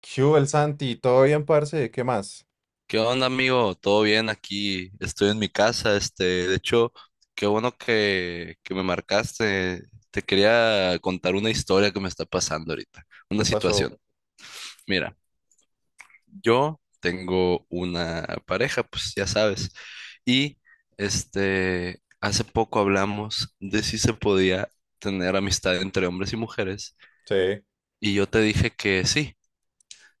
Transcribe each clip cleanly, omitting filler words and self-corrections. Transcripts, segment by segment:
¿Qué hubo, el Santi? ¿Todo bien, parce? ¿Qué más? ¿Qué onda, amigo? ¿Todo bien aquí? Estoy en mi casa, de hecho, qué bueno que me marcaste. Te quería contar una historia que me está pasando ahorita, una ¿Qué pasó? situación. Mira, yo tengo una pareja, pues ya sabes, y hace poco hablamos de si se podía tener amistad entre hombres y mujeres, Sí. y yo te dije que sí,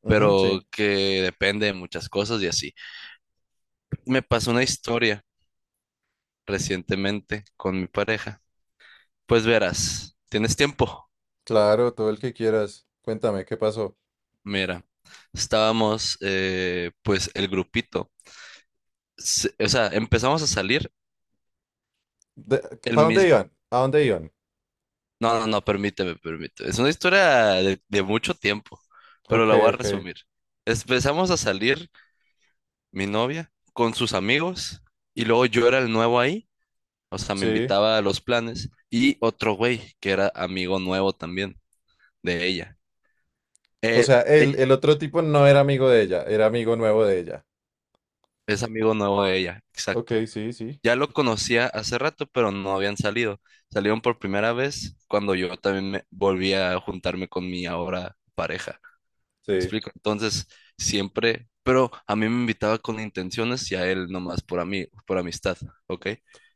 Ujú, pero sí. que depende de muchas cosas y así. Me pasó una historia recientemente con mi pareja. Pues verás, ¿tienes tiempo? Claro, todo el que quieras. Cuéntame, ¿qué pasó? Mira, estábamos, pues el grupito, o sea, empezamos a salir el ¿Para dónde mismo... iban? ¿A dónde iban? No, no, no, permíteme, permíteme. Es una historia de mucho tiempo, pero Ok, la voy a ok. resumir. Empezamos a salir mi novia con sus amigos y luego yo era el nuevo ahí, o sea, me Sí. invitaba a los planes y otro güey que era amigo nuevo también de ella. O Eh, sea, el, eh, el otro tipo no era amigo de ella, era amigo nuevo de ella. Es amigo nuevo de ella, Ok, exacto. sí, sí. Ya lo conocía hace rato, pero no habían salido. Salieron por primera vez cuando yo también me volví a juntarme con mi ahora pareja. ¿Me Sí. explico? Entonces, siempre, pero a mí me invitaba con intenciones y a él nomás por mí, por amistad, ¿ok?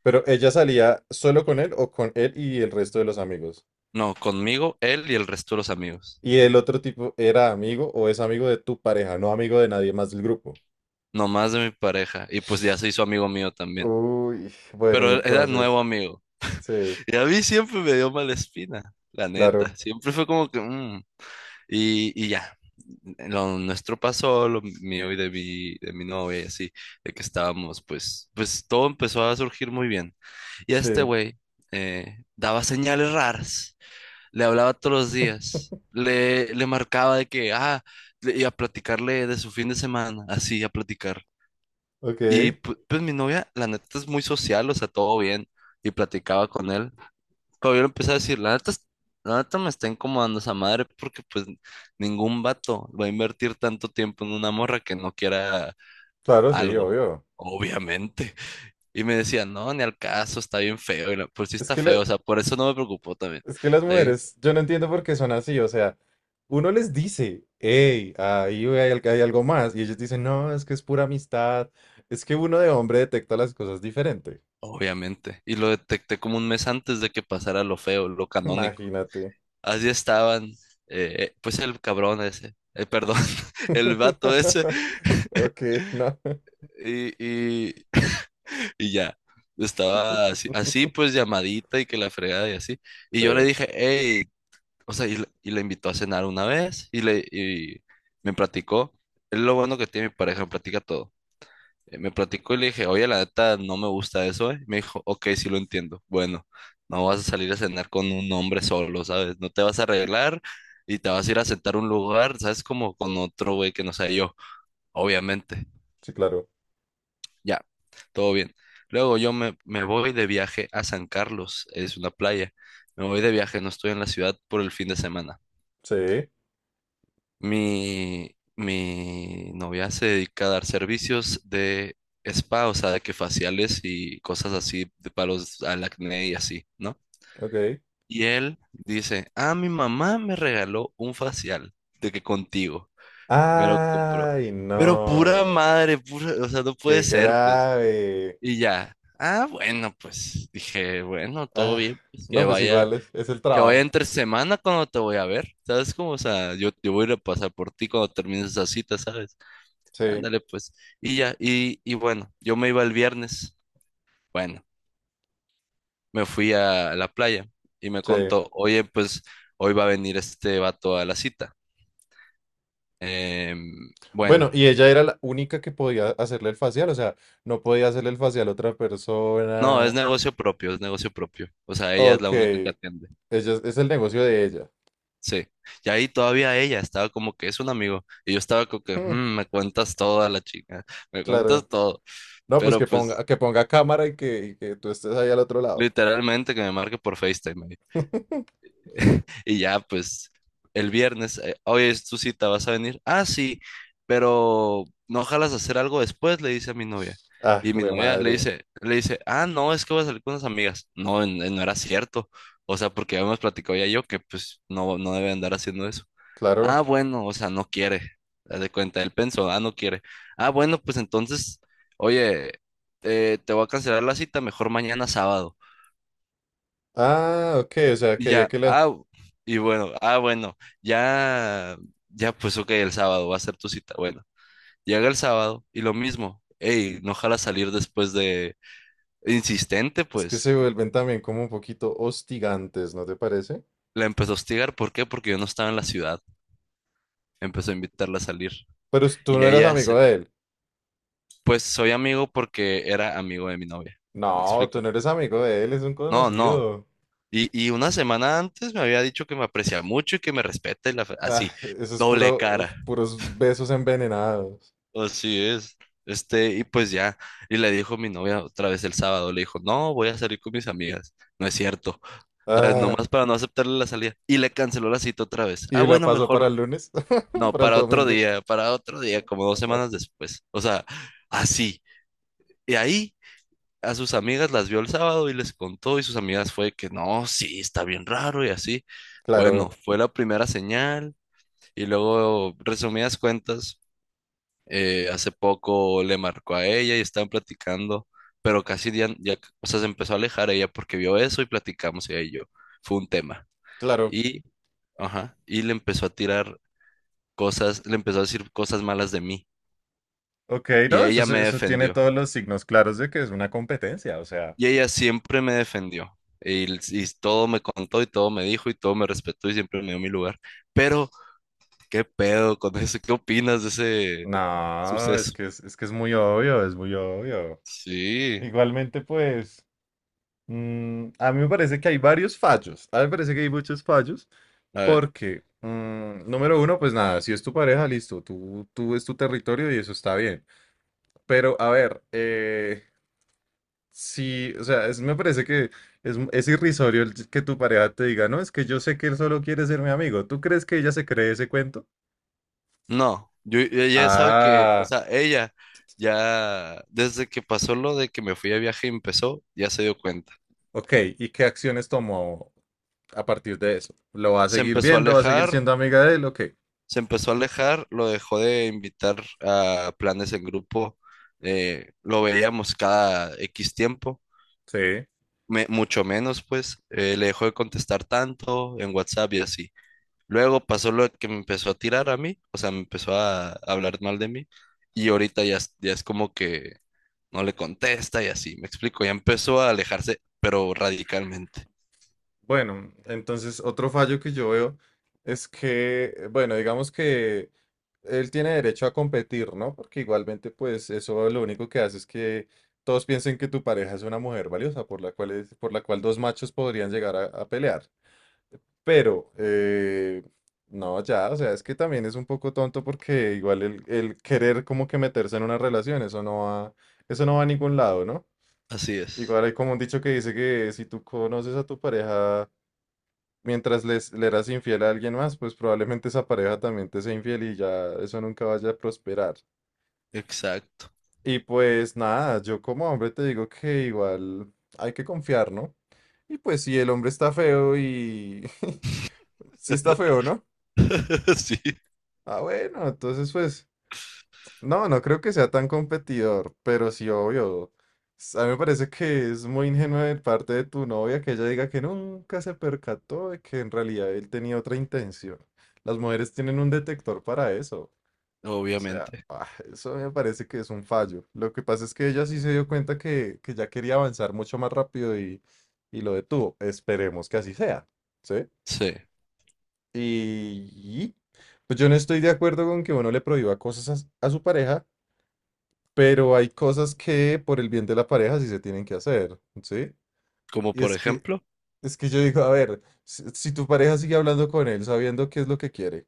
Pero ella salía solo con él o con él y el resto de los amigos. No, conmigo, él y el resto de los amigos. Y el otro tipo era amigo o es amigo de tu pareja, no amigo de nadie más del grupo. Nomás de mi pareja. Y pues ya se hizo amigo mío también. Uy, bueno, y Pero él era entonces, nuevo amigo. sí, Y a mí siempre me dio mala espina, la neta. claro. Siempre fue como que... y ya, lo nuestro pasó, lo mío y de mi novia y así, de que estábamos, pues, pues todo empezó a surgir muy bien. Y este Sí, güey daba señales raras, le hablaba todos los días, le marcaba de que, ah, y a platicarle de su fin de semana, así, a platicar. ok, Y pues, mi novia, la neta, es muy social, o sea, todo bien, y platicaba con él. Caballero empezó a decir, la neta, la neta me está incomodando esa madre porque pues ningún vato va a invertir tanto tiempo en una morra que no quiera claro, sí, algo, obvio. obviamente. Y me decía, no, ni al caso, está bien feo. Y pues sí Es está que, feo, o sea, por eso no me preocupó también. es que las Está bien, mujeres, yo no entiendo por qué son así, o sea, uno les dice, hey, ahí hay, hay algo más, y ellos dicen, no, es que es pura amistad, es que uno de hombre detecta las cosas diferente. obviamente. Y lo detecté como un mes antes de que pasara lo feo, lo canónico. Imagínate. Así estaban, pues el cabrón ese, perdón, el vato ese. Ok, no. Y, Y ya, estaba así, así, pues llamadita y que la fregada y así. Y yo le Sí, dije, hey, o sea, y la invitó a cenar una vez y me platicó. Es lo bueno que tiene mi pareja, me platica todo. Me platicó y le dije, oye, la neta, no me gusta eso, ¿eh? Me dijo, ok, sí lo entiendo. Bueno, no vas a salir a cenar con un hombre solo, ¿sabes? No te vas a arreglar y te vas a ir a sentar a un lugar, ¿sabes? Como con otro güey que no sea yo, obviamente. sí, claro, Ya, todo bien. Luego me voy de viaje a San Carlos, es una playa. Me voy de viaje, no estoy en la ciudad por el fin de semana. sí, Mi novia se dedica a dar servicios de spa, o sea, de que faciales y cosas así, de palos al acné y así, ¿no? ok. Y él dice, ah, mi mamá me regaló un facial, de que contigo, me lo compró. Ay, Pero pura no, madre, pura, o sea, no puede qué ser, pues. grave. Y ya. Ah, bueno, pues dije, bueno, todo Ah, bien, pues no, pues igual es el que vaya trabajo, entre semana cuando te voy a ver, ¿sabes cómo? O sea, yo voy a ir a pasar por ti cuando termines esa cita, ¿sabes? sí, Ándale, pues. Y bueno, yo me iba el viernes, bueno, me fui a la playa y me sí. contó, oye, pues hoy va a venir este vato a la cita. Bueno, Bueno, ¿y ella era la única que podía hacerle el facial? O sea, no podía hacerle el facial a otra no, es persona. negocio propio, es negocio propio. O sea, ella es Ok, la única que ella atiende. Es el negocio de ella. Sí, y ahí todavía ella estaba como que es un amigo, y yo estaba como que, Hmm, "Mm, me cuentas toda la chica, me claro. cuentas todo, No, pues pero pues que ponga cámara y que tú estés ahí al otro lado. literalmente que me marque por FaceTime". Y ya, pues, el viernes, oye, es tu cita, ¿vas a venir? Ah, sí, pero no ojalas hacer algo después, le dice a mi novia. Ah, Y mi güey, novia madre. Le dice, ah, no, es que voy a salir con unas amigas. No, no era cierto. O sea, porque habíamos platicado ya yo que pues no, no debe andar haciendo eso. Claro. Ah, bueno, o sea, no quiere. Haz de cuenta, él pensó, ah, no quiere. Ah, bueno, pues entonces, oye, te voy a cancelar la cita, mejor mañana sábado. Ah, ok, o sea, Y quería ya, que la... ah, y bueno, ah, bueno, ya, ya, pues ok, el sábado va a ser tu cita. Bueno, llega el sábado y lo mismo, ey, no jala salir después de insistente, Es que pues. se vuelven también como un poquito hostigantes, ¿no te parece? La empezó a hostigar, ¿por qué? Porque yo no estaba en la ciudad. Empezó a invitarla a salir. Pero tú Y no eras ella, amigo se- de él. pues soy amigo porque era amigo de mi novia. ¿Me No, explico? tú no eres amigo de él, es un No, no. conocido. Y una semana antes me había dicho que me aprecia mucho y que me respeta y Ah, así, eso es doble puro, cara. puros besos envenenados. Así es. Este, y pues ya, y le dijo mi novia otra vez el sábado, le dijo, no, voy a salir con mis amigas, no es cierto, ¿sabes? Ah, Nomás para no aceptarle la salida, y le canceló la cita otra vez, ah, y la bueno, pasó para mejor, el lunes, no, para el domingo. Para otro día, como dos Ah, semanas después, o sea, así, y ahí a sus amigas las vio el sábado y les contó, y sus amigas fue que, no, sí, está bien raro y así, bueno, claro, fue la primera señal, y luego, resumidas cuentas, hace poco le marcó a ella y estaban platicando, pero casi ya, ya, o sea, se empezó a alejar ella porque vio eso y platicamos ella y yo. Fue un tema. claro. Y, ajá, y le empezó a tirar cosas, le empezó a decir cosas malas de mí. Ok, Y no, eso, ella me eso tiene defendió. todos los signos claros de que es una competencia, o sea, Y ella siempre me defendió. Y, y todo me contó y todo me dijo y todo me respetó y siempre me dio mi lugar. Pero, ¿qué pedo con eso? ¿Qué opinas de ese no, suceso? Es que es muy obvio, es muy obvio. Sí. Igualmente, pues, a mí me parece que hay varios fallos, a mí me parece que hay muchos fallos, A ver. porque, número uno, pues nada, si es tu pareja, listo, tú es tu territorio y eso está bien. Pero, a ver, sí, o sea, me parece que es irrisorio el que tu pareja te diga, no, es que yo sé que él solo quiere ser mi amigo. ¿Tú crees que ella se cree ese cuento? No, ella sabe que, o Ah, sea, ella ya desde que pasó lo de que me fui a viaje y empezó, ya se dio cuenta. ok. ¿Y qué acciones tomó a partir de eso? ¿Lo va a Se seguir empezó a viendo? ¿Va a seguir alejar, siendo amiga de él? Ok. se empezó a alejar, lo dejó de invitar a planes en grupo, lo veíamos cada X tiempo, Sí. Mucho menos pues, le dejó de contestar tanto en WhatsApp y así. Luego pasó lo de que me empezó a tirar a mí, o sea, me empezó a hablar mal de mí y ahorita ya, ya es como que no le contesta y así, me explico, ya empezó a alejarse, pero radicalmente. Bueno, entonces otro fallo que yo veo es que, bueno, digamos que él tiene derecho a competir, ¿no? Porque igualmente, pues eso lo único que hace es que todos piensen que tu pareja es una mujer valiosa por la cual, por la cual dos machos podrían llegar a pelear. Pero, no, ya, o sea, es que también es un poco tonto porque igual el querer como que meterse en una relación, eso no va a ningún lado, ¿no? Así es, Igual hay como un dicho que dice que si tú conoces a tu pareja mientras le eras infiel a alguien más, pues probablemente esa pareja también te sea infiel y ya eso nunca vaya a prosperar. exacto. Y pues nada, yo como hombre te digo que igual hay que confiar, ¿no? Y pues si el hombre está feo y... si está feo, ¿no? Sí, Ah, bueno, entonces pues no, no creo que sea tan competidor, pero sí, obvio. A mí me parece que es muy ingenuo de parte de tu novia que ella diga que nunca se percató de que en realidad él tenía otra intención. Las mujeres tienen un detector para eso. O sea, obviamente. ah, eso me parece que es un fallo. Lo que pasa es que ella sí se dio cuenta que ya quería avanzar mucho más rápido y lo detuvo. Esperemos que así sea, ¿sí? Sí, Y, y, pues yo no estoy de acuerdo con que uno le prohíba cosas a su pareja, pero hay cosas que por el bien de la pareja sí se tienen que hacer, ¿sí? como Y por ejemplo, es que yo digo, a ver, si, si tu pareja sigue hablando con él sabiendo qué es lo que quiere,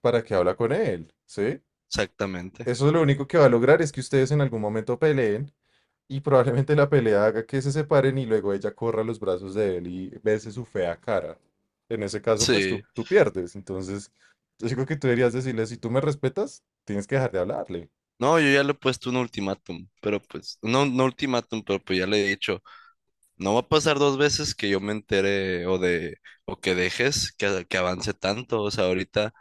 ¿para qué habla con él? ¿Sí? exactamente. Eso lo único que va a lograr es que ustedes en algún momento peleen y probablemente la pelea haga que se separen y luego ella corra a los brazos de él y bese su fea cara. En ese caso, pues tú, Sí. tú pierdes. Entonces, yo digo que tú deberías decirle, si tú me respetas, tienes que dejar de hablarle. No, yo ya le he puesto un ultimátum, pero pues, no, no ultimátum, pero pues ya le he dicho, no va a pasar dos veces que yo me entere o que dejes que avance tanto, o sea, ahorita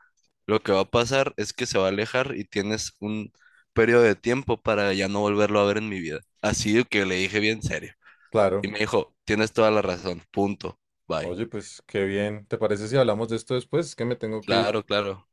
lo que va a pasar es que se va a alejar y tienes un periodo de tiempo para ya no volverlo a ver en mi vida. Así de que le dije bien serio. Y Claro. me dijo, tienes toda la razón, punto, bye. Oye, pues qué bien. ¿Te parece si hablamos de esto después? Es que me tengo que ir. Claro, claro.